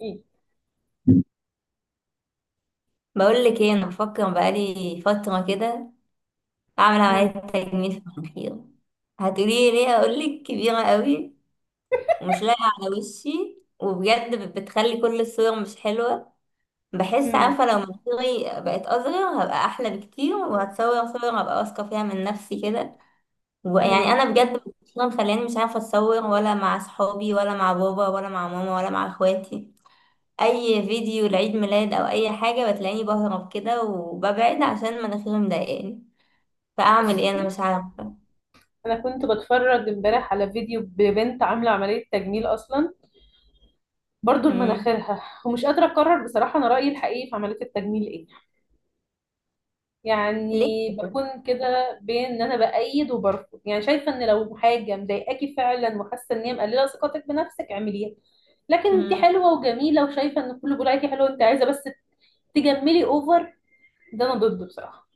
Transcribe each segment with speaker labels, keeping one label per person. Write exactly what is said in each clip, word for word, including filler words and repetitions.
Speaker 1: ايه.
Speaker 2: بقول لك ايه، انا بفكر بقالي فتره كده اعمل
Speaker 1: مم.
Speaker 2: عمليه تجميل في المناخير. هتقولي لي ليه؟ اقول لك كبيره قوي ومش لايقه على وشي، وبجد بت- بتخلي كل الصور مش حلوه. بحس
Speaker 1: مم.
Speaker 2: عارفه لو مناخيري بقت اصغر هبقى احلى بكتير، وهتصور صور هبقى واثقه فيها من نفسي كده. ويعني
Speaker 1: مم.
Speaker 2: انا بجد مخلياني مش عارفه اتصور، ولا مع صحابي ولا مع بابا ولا مع ماما ولا مع اخواتي. اي فيديو لعيد ميلاد او اي حاجه بتلاقيني بهرب كده وببعد عشان مناخيري مضايقاني. فاعمل ايه؟
Speaker 1: بصي،
Speaker 2: انا مش عارفه.
Speaker 1: انا كنت بتفرج امبارح على فيديو ببنت عامله عمليه تجميل اصلا، برضو
Speaker 2: امم
Speaker 1: لمناخيرها، ومش قادره اقرر بصراحه انا رايي الحقيقي في عمليه التجميل ايه.
Speaker 2: ليه؟
Speaker 1: يعني بكون كده بين ان انا بايد وبرفض، يعني شايفه ان لو حاجه مضايقاكي فعلا وحاسه ان هي مقلله ثقتك بنفسك اعمليها. لكن انت
Speaker 2: امم
Speaker 1: حلوه وجميله، وشايفه ان كله بيقول عليكي حلوه، انت عايزه بس تجملي اوفر، ده انا ضده بصراحه.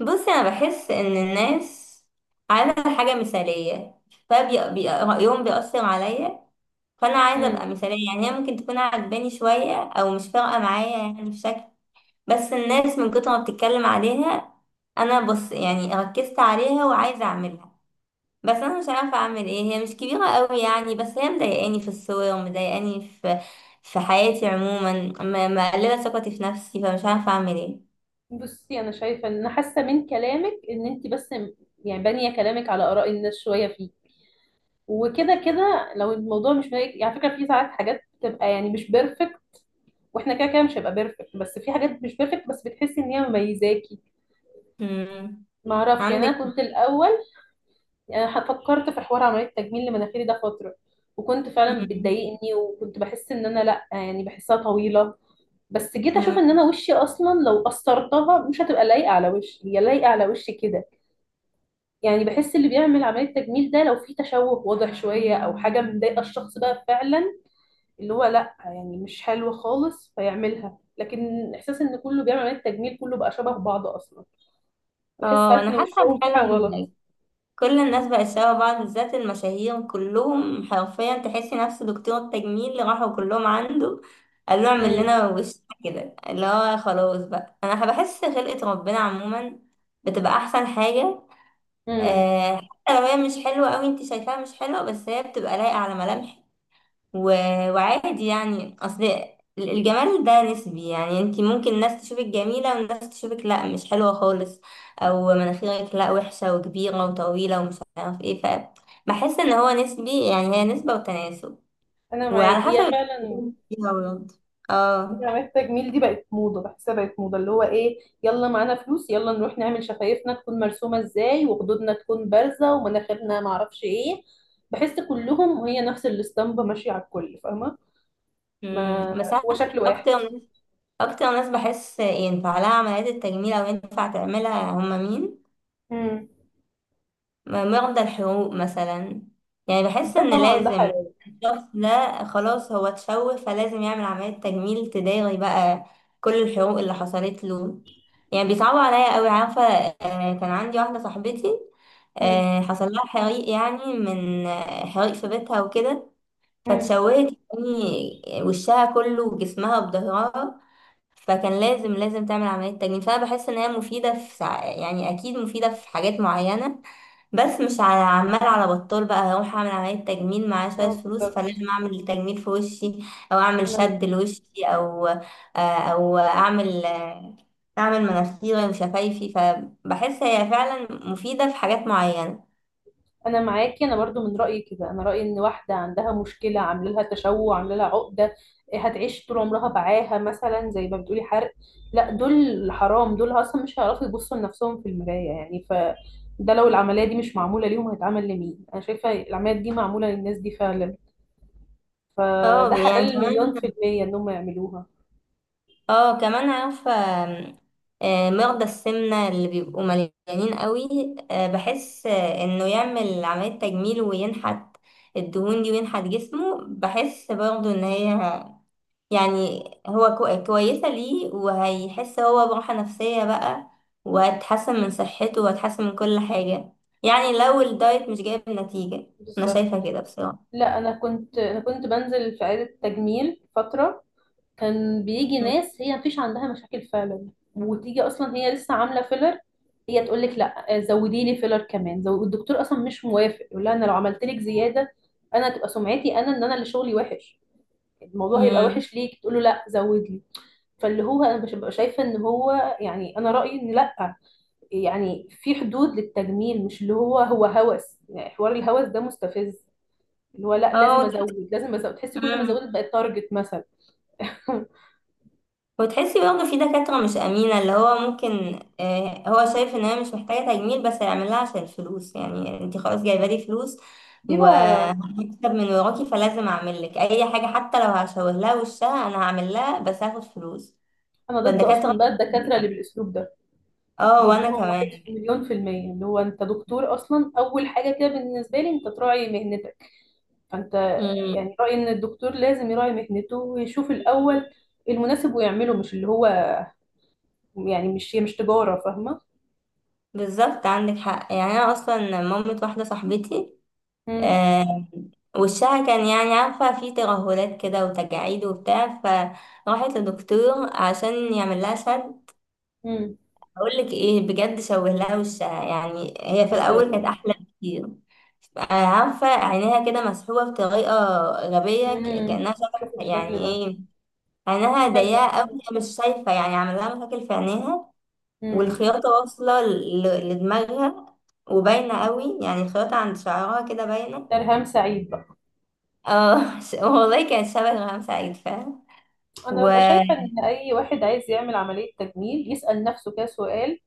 Speaker 2: بصي، انا بحس ان الناس عايزه حاجه مثاليه، فبيقراهم بيأثر عليا، فانا عايزه ابقى مثاليه. يعني هي ممكن تكون عجباني شويه او مش فارقه معايا يعني في شكل، بس الناس من كتر ما بتتكلم عليها انا بص يعني ركزت عليها وعايزه اعملها. بس انا مش عارفه اعمل ايه. هي مش كبيره قوي يعني، بس هي مضايقاني في الصور ومضايقاني في في حياتي عموما. م- مقلله ثقتي في نفسي، فمش عارفه اعمل ايه.
Speaker 1: بصي، انا شايفه ان حاسه من كلامك ان انت بس م- يعني بانيه كلامك على اراء الناس شويه فيه. وكده كده لو الموضوع مش مضايقك، يعني على فكره في ساعات حاجات بتبقى يعني مش بيرفكت، واحنا كده كده مش هيبقى بيرفكت، بس في حاجات مش بيرفكت بس بتحسي ان هي مميزاكي.
Speaker 2: مم.
Speaker 1: ما اعرفش، يعني
Speaker 2: عندك.
Speaker 1: انا كنت الاول، يعني أنا فكرت في حوار عمليه تجميل لمناخيري ده فتره، وكنت فعلا
Speaker 2: مم.
Speaker 1: بتضايقني وكنت بحس ان انا لا يعني بحسها طويله. بس جيت اشوف
Speaker 2: مم.
Speaker 1: ان انا وشي اصلا لو قصرتها مش هتبقى لايقه على وشي، هي لايقه على وشي كده. يعني بحس اللي بيعمل عملية تجميل ده لو في تشوه واضح شوية أو حاجة مضايقة الشخص بقى فعلا، اللي هو لأ يعني مش حلوة خالص فيعملها. لكن إحساس إن كله بيعمل عملية تجميل كله بقى شبه بعض أصلا، بحس
Speaker 2: اه
Speaker 1: ساعات
Speaker 2: انا
Speaker 1: إن
Speaker 2: حاسه
Speaker 1: وشهم في حاجة غلط.
Speaker 2: فعلا، كل الناس بقت شبه بعض، بالذات المشاهير كلهم حرفيا تحسي نفس دكتور التجميل اللي راحوا كلهم عنده قال له اعمل
Speaker 1: امم.
Speaker 2: لنا وش كده. اللي هو خلاص بقى انا بحس خلقه ربنا عموما بتبقى احسن حاجه.
Speaker 1: امم.
Speaker 2: آه، حتى لو هي مش حلوة أوي، انت شايفاها مش حلوة، بس هي بتبقى لايقة على ملامحك. و... وعادي يعني. أصل ال- الجمال ده نسبي يعني، انت ممكن ناس تشوفك جميلة وناس تشوفك لا مش حلوة خالص، أو مناخيرك لا وحشة وكبيرة وطويلة ومش عارف ايه. فبحس ان هو نسبي يعني، هي نسبة وتناسب
Speaker 1: أنا معاك،
Speaker 2: وعلى حسب
Speaker 1: هي فعلا
Speaker 2: الشخصية فيها برضه. اه.
Speaker 1: عملية التجميل دي بقت موضة، بحسها بقت موضة اللي هو إيه يلا معانا فلوس، يلا نروح نعمل شفايفنا تكون مرسومة إزاي وخدودنا تكون بارزة ومناخيرنا معرفش إيه. بحس كلهم هي نفس الاسطمبة ماشية على الكل، فاهمة؟
Speaker 2: مم.
Speaker 1: ما
Speaker 2: بس أنا،
Speaker 1: هو شكل واحد.
Speaker 2: أكتر ناس، أكتر ناس بحس ينفع لها عمليات التجميل أو ينفع تعملها هما مين؟
Speaker 1: امم.
Speaker 2: م- مرضى الحروق مثلا. يعني بحس
Speaker 1: ده
Speaker 2: ان
Speaker 1: طبعا ده
Speaker 2: لازم
Speaker 1: حلال.
Speaker 2: الشخص ده خلاص هو اتشوه فلازم يعمل عملية تجميل تداري بقى كل الحروق اللي حصلت له. يعني بيصعبوا عليا قوي، عارفة؟ آه، كان عندي واحدة صاحبتي،
Speaker 1: امم.
Speaker 2: آه، حصل لها حريق يعني، من آه، حريق في بيتها وكده،
Speaker 1: امم.
Speaker 2: فتشوهت يعني وشها كله وجسمها وظهرها. فكان لازم لازم تعمل عملية تجميل، فأنا بحس إن هي مفيدة في سع... يعني أكيد مفيدة في حاجات معينة. بس مش على عمال على بطال بقى هروح أعمل عملية تجميل، معايا شوية
Speaker 1: اه
Speaker 2: فلوس
Speaker 1: بالظبط.
Speaker 2: فلازم أعمل تجميل في وشي، أو أعمل
Speaker 1: انا
Speaker 2: شد لوشي، أو آه، أو أعمل آه، أعمل مناخيري وشفايفي. فبحس هي فعلا مفيدة في حاجات معينة.
Speaker 1: انا معاكي، انا برضو من رايي كده. انا رايي ان واحده عندها مشكله عامله لها تشوه عامله لها عقده، إيه، هتعيش طول عمرها بعاها مثلا زي ما بتقولي حرق، لا دول حرام، دول اصلا مش هيعرفوا يبصوا لنفسهم في المرايه يعني ف ده لو العمليه دي مش معموله ليهم هيتعمل لمين؟ انا شايفه العمليات دي معموله للناس دي فعلا، فده
Speaker 2: اه يعني
Speaker 1: حلال مليون
Speaker 2: كمان،
Speaker 1: في الميه انهم يعملوها.
Speaker 2: اه كمان عارفة. آم، آه، مرضى السمنة اللي بيبقوا مليانين قوي، آه، بحس آه، انه يعمل عملية تجميل وينحت الدهون دي وينحت جسمه. بحس برضه ان هي يعني هو كو- كويسة ليه، وهيحس هو براحة نفسية بقى، وهتحسن من صحته وهتحسن من كل حاجة، يعني لو الدايت مش جايب نتيجة. انا
Speaker 1: بالظبط.
Speaker 2: شايفة كده بصراحة.
Speaker 1: لا انا كنت انا كنت بنزل في عياده تجميل فتره، كان بيجي ناس هي مفيش عندها مشاكل فعلا، وتيجي اصلا هي لسه عامله فيلر، هي تقول لك لا آه، زودي لي فيلر كمان زو... والدكتور اصلا مش موافق، يقول لها انا لو عملت لك زياده انا تبقى سمعتي انا ان انا اللي شغلي وحش، الموضوع هيبقى
Speaker 2: مم.
Speaker 1: وحش ليك. تقول له لا، زود لي. فاللي هو انا مش ببقى شايفه ان هو، يعني انا رايي ان لا، يعني في حدود للتجميل، مش اللي هو هو هوس، يعني حوار الهوس ده مستفز، اللي هو لا
Speaker 2: اه
Speaker 1: لازم
Speaker 2: وتحس-
Speaker 1: ازود، لازم ازود، تحسي كل ما
Speaker 2: مم.
Speaker 1: زودت بقت تارجت مثلا.
Speaker 2: وتحسي برضه في دكاترة مش أمينة، اللي هو ممكن آه، هو شايف إن هي مش محتاجة تجميل بس هيعمل لها عشان الفلوس. يعني انتي خلاص جايبة لي فلوس
Speaker 1: دي بقى،
Speaker 2: وهكسب من وراكي، فلازم أعمل لك أي حاجة، حتى لو هشوه لها وشها أنا هعمل لها بس هاخد فلوس.
Speaker 1: انا ضد
Speaker 2: فالدكاترة،
Speaker 1: اصلا بقى الدكاتره اللي بالاسلوب ده،
Speaker 2: اه وأنا
Speaker 1: ضدهم
Speaker 2: كمان.
Speaker 1: واحد في مليون في المية. اللي هو انت دكتور اصلا، اول حاجة كده بالنسبة لي انت تراعي مهنتك، فانت
Speaker 2: مم.
Speaker 1: يعني رأيي ان الدكتور لازم يراعي مهنته ويشوف الاول المناسب ويعمله، مش اللي هو يعني، مش هي مش تجارة، فاهمة؟
Speaker 2: بالظبط، عندك حق. يعني أنا أصلا مامة واحدة صاحبتي،
Speaker 1: امم.
Speaker 2: آه، وشها كان يعني، عارفة، فيه ترهلات كده وتجاعيد وبتاع، فراحت لدكتور عشان يعمل لها شد.
Speaker 1: امم.
Speaker 2: أقولك إيه، بجد شوه لها وشها. يعني هي في
Speaker 1: حسبي
Speaker 2: الأول كانت
Speaker 1: الله.
Speaker 2: أحلى بكتير. آه، عارفة عينيها كده مسحوبة بطريقة غبية، ك-
Speaker 1: امم.
Speaker 2: كأنها
Speaker 1: شوف
Speaker 2: شبه يعني
Speaker 1: الشكل ده.
Speaker 2: إيه، عينها
Speaker 1: سؤال.
Speaker 2: ضيقة أوي، هي مش شايفة يعني، عمل لها مشاكل في عينيها.
Speaker 1: امم.
Speaker 2: والخياطة واصلة ل- لدماغها، وباينة أوي يعني، الخياطة عند شعرها كده باينة.
Speaker 1: ترهام سعيد بقى.
Speaker 2: اه ش- والله كانت شبه إلهام سعيد فعلا. و.
Speaker 1: انا ببقى شايفه ان اي واحد عايز يعمل عمليه تجميل يسال نفسه كده سؤال: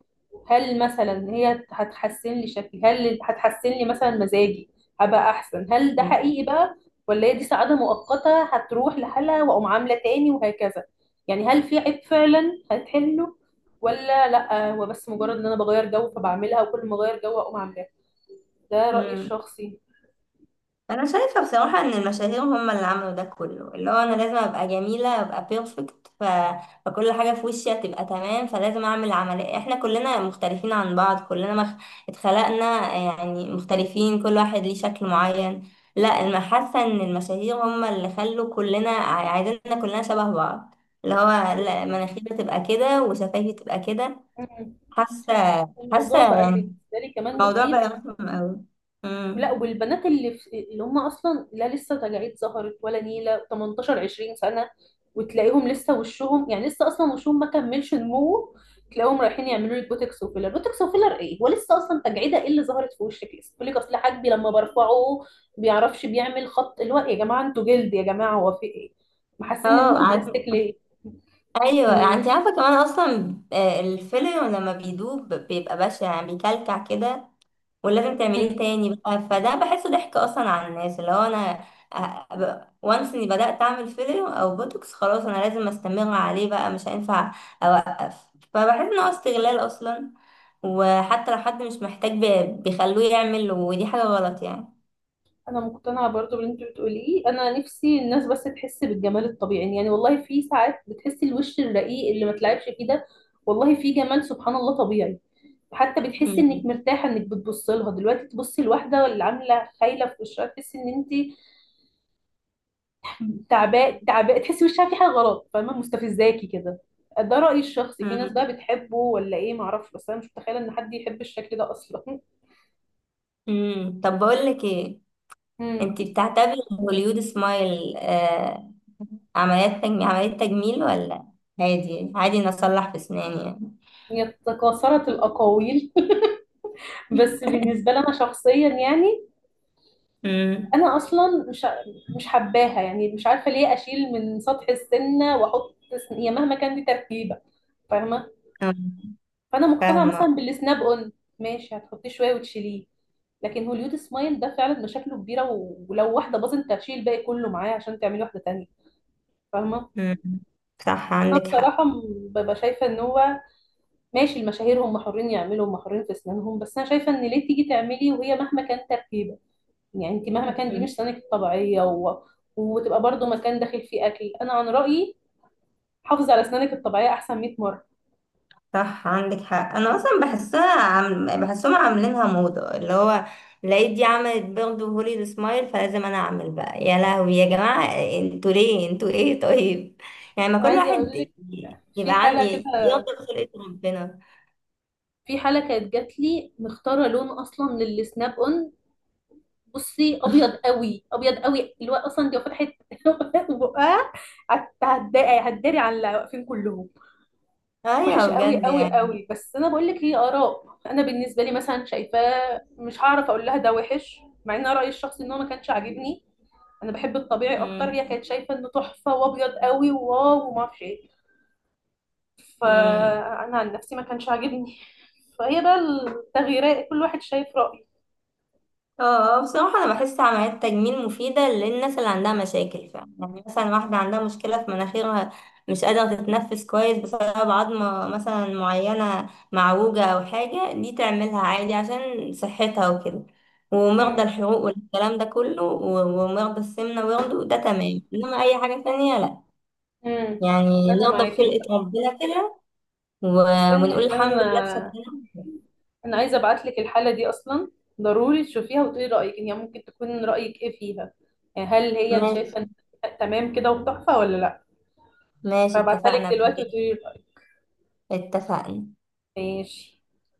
Speaker 1: هل مثلا هي هتحسن لي شكلي؟ هل هتحسن لي مثلا مزاجي، هبقى احسن؟ هل ده حقيقي بقى ولا هي دي سعاده مؤقته هتروح لحالها واقوم عامله تاني وهكذا؟ يعني هل في عيب فعلا هتحله، ولا لا هو بس مجرد ان انا بغير جو فبعملها وكل ما اغير جو اقوم عاملاها؟ ده رايي
Speaker 2: مم.
Speaker 1: الشخصي.
Speaker 2: انا شايفه بصراحه ان المشاهير هم اللي عملوا ده كله، اللي هو انا لازم ابقى جميله، ابقى بيرفكت. ف... فكل حاجه في وشي هتبقى تمام فلازم اعمل عمليه. احنا كلنا مختلفين عن بعض، كلنا مخ... اتخلقنا يعني مختلفين، كل واحد ليه شكل معين. لا انا حاسه ان المشاهير هم اللي خلوا كلنا عايزيننا كلنا شبه بعض، اللي هو لا مناخيري تبقى كده وشفايفي تبقى كده.
Speaker 1: مم.
Speaker 2: حاسه، حاسه
Speaker 1: الموضوع بقى
Speaker 2: يعني
Speaker 1: بالنسبه لي كمان
Speaker 2: الموضوع
Speaker 1: مخيف.
Speaker 2: بقى رخم قوي.
Speaker 1: لا
Speaker 2: امم.
Speaker 1: والبنات اللي في اللي هم اصلا لا لسه تجاعيد ظهرت ولا نيله تمنتاشر عشرين سنه، وتلاقيهم لسه وشهم يعني لسه اصلا وشهم ما كملش نموه، تلاقيهم رايحين يعملوا لك بوتوكس وفيلر، بوتوكس وفيلر ايه، ولسه اصلا تجعيده ايه اللي ظهرت في وشك؟ لسه يقول لك اصل حاجبي لما برفعه بيعرفش بيعمل خط، اللي هو إيه يا جماعه، انتوا جلد يا جماعه هو في ايه، محسين ان
Speaker 2: اه
Speaker 1: انتوا
Speaker 2: عارف.
Speaker 1: بلاستيك ليه؟
Speaker 2: ايوه انت عارفه كمان اصلا، آه، الفيلر لما بيدوب بيبقى بشع يعني، بيكلكع كده، ولازم تعمليه تاني بقى. فده بحسه ضحك اصلا على الناس، اللي هو انا وانس اني بدات اعمل فيلر او بوتوكس، خلاص انا لازم استمر عليه بقى، مش هينفع اوقف. فبحس ان هو استغلال اصلا، وحتى لو حد مش محتاج بي- بيخلوه يعمل، ودي حاجه غلط يعني.
Speaker 1: انا مقتنعه برضو باللي انت بتقوليه، انا نفسي الناس بس تحس بالجمال الطبيعي، يعني والله في ساعات بتحسي الوش الرقيق اللي ما تلعبش فيه ده، والله في جمال سبحان الله طبيعي. حتى بتحسي انك مرتاحه انك بتبص لها، دلوقتي تبصي لواحده اللي عامله خايله في وشها تحسي ان انت تعباء، تعباء، تحسي وشها في حاجه غلط، فاهمه؟ مستفزاكي كده. ده رايي الشخصي، في ناس بقى بتحبه ولا ايه معرفش، بس انا مش متخيله ان حد يحب الشكل ده اصلا.
Speaker 2: امم. طب بقول لك ايه،
Speaker 1: امم.
Speaker 2: انت بتعتبري هوليود سمايل آه عمليات تجميل، عملية تجميل، ولا عادي؟ عادي إن اصلح في اسناني يعني؟
Speaker 1: يتكاثرت الاقاويل. بس بالنسبه لي انا شخصيا يعني
Speaker 2: امم.
Speaker 1: انا اصلا مش مش حباها، يعني مش عارفه ليه اشيل من سطح السنه واحط سن- هي مهما كان دي تركيبه، فاهمه؟ فانا مقتنعه مثلا
Speaker 2: فاهمة.
Speaker 1: بالسناب اون، ماشي، هتحطيه شويه وتشيليه. لكن هوليود سمايل ده فعلا مشاكله كبيره، و- ولو واحده باظت انت هتشيل الباقي كله معاه عشان تعملي واحده تانية، فاهمه؟
Speaker 2: امم. صح
Speaker 1: انا
Speaker 2: عندك حق.
Speaker 1: بصراحه م- ببقى شايفه ان هو، ماشي، المشاهير هم حرين يعملوا، هم حرين في اسنانهم، بس انا شايفه ان ليه تيجي تعملي وهي مهما كان تركيبه، يعني انت مهما كان دي
Speaker 2: مم.
Speaker 1: مش سنانك الطبيعيه و... وتبقى برضو مكان داخل فيه اكل. انا عن رايي، حافظي على اسنانك الطبيعيه احسن مئة مره.
Speaker 2: صح عندك حق. انا اصلا بحسها عم... بحسهم عاملينها موضة، اللي هو لقيت دي عملت برضه هوليود سمايل فلازم انا اعمل بقى. يا لهوي، يا جماعة انتوا ليه؟ انتوا ايه؟ طيب يعني ما
Speaker 1: انا
Speaker 2: كل
Speaker 1: عايزه اقول
Speaker 2: واحد
Speaker 1: لك،
Speaker 2: ي-
Speaker 1: في
Speaker 2: يبقى عن
Speaker 1: حاله
Speaker 2: ي-
Speaker 1: كده،
Speaker 2: يرضى بخلقة ربنا.
Speaker 1: في حاله كانت جات لي مختاره لون اصلا للسناب اون، بصي ابيض قوي، ابيض قوي اللي هو اصلا دي لو فتحت لو فتحت بقها، هت- هتضايق- هتداري على اللي واقفين كلهم،
Speaker 2: ايوه
Speaker 1: وحش قوي
Speaker 2: بجد
Speaker 1: قوي
Speaker 2: يعني.
Speaker 1: قوي. بس انا بقول لك هي اراء، انا بالنسبه لي مثلا شايفاه، مش هعرف اقول لها ده وحش، مع ان رايي الشخصي ان هو ما كانش عاجبني، انا بحب الطبيعي اكتر،
Speaker 2: امم.
Speaker 1: هي كانت شايفه انه تحفه وابيض قوي وواو وما اعرفش ايه.
Speaker 2: امم.
Speaker 1: فانا عن نفسي ما كانش عاجبني، فهي بقى التغييرات كل واحد شايف رايه.
Speaker 2: اه. آه، بصراحه انا بحس عمليات تجميل مفيده للناس اللي عندها مشاكل فعلا، يعني مثلا واحده عندها مشكله في مناخيرها مش قادره تتنفس كويس بسبب عظمه مثلا معينه معوجه او حاجه، دي تعملها عادي عشان صحتها وكده. ومرضى
Speaker 1: امم.
Speaker 2: الحروق والكلام ده كله و- ومرضى السمنه ويرضوا، ده تمام، انما اي حاجه تانية لا.
Speaker 1: امم.
Speaker 2: يعني
Speaker 1: انا
Speaker 2: نرضى
Speaker 1: معاكي
Speaker 2: بخلقه
Speaker 1: بقى.
Speaker 2: ربنا كده، و-
Speaker 1: استني
Speaker 2: ونقول
Speaker 1: عشان
Speaker 2: الحمد لله
Speaker 1: انا،
Speaker 2: بشكلنا.
Speaker 1: انا عايزه ابعت لك الحاله دي اصلا، ضروري تشوفيها وتقولي رايك، يعني ممكن تكون رايك ايه فيها، يعني هل هي أنت شايفه إن
Speaker 2: ماشي.
Speaker 1: تمام كده وتحفه ولا لا؟
Speaker 2: ماشي
Speaker 1: فابعتها لك
Speaker 2: اتفقنا
Speaker 1: دلوقتي
Speaker 2: بحاجة.
Speaker 1: وتقولي رايك.
Speaker 2: اتفقنا.
Speaker 1: ماشي.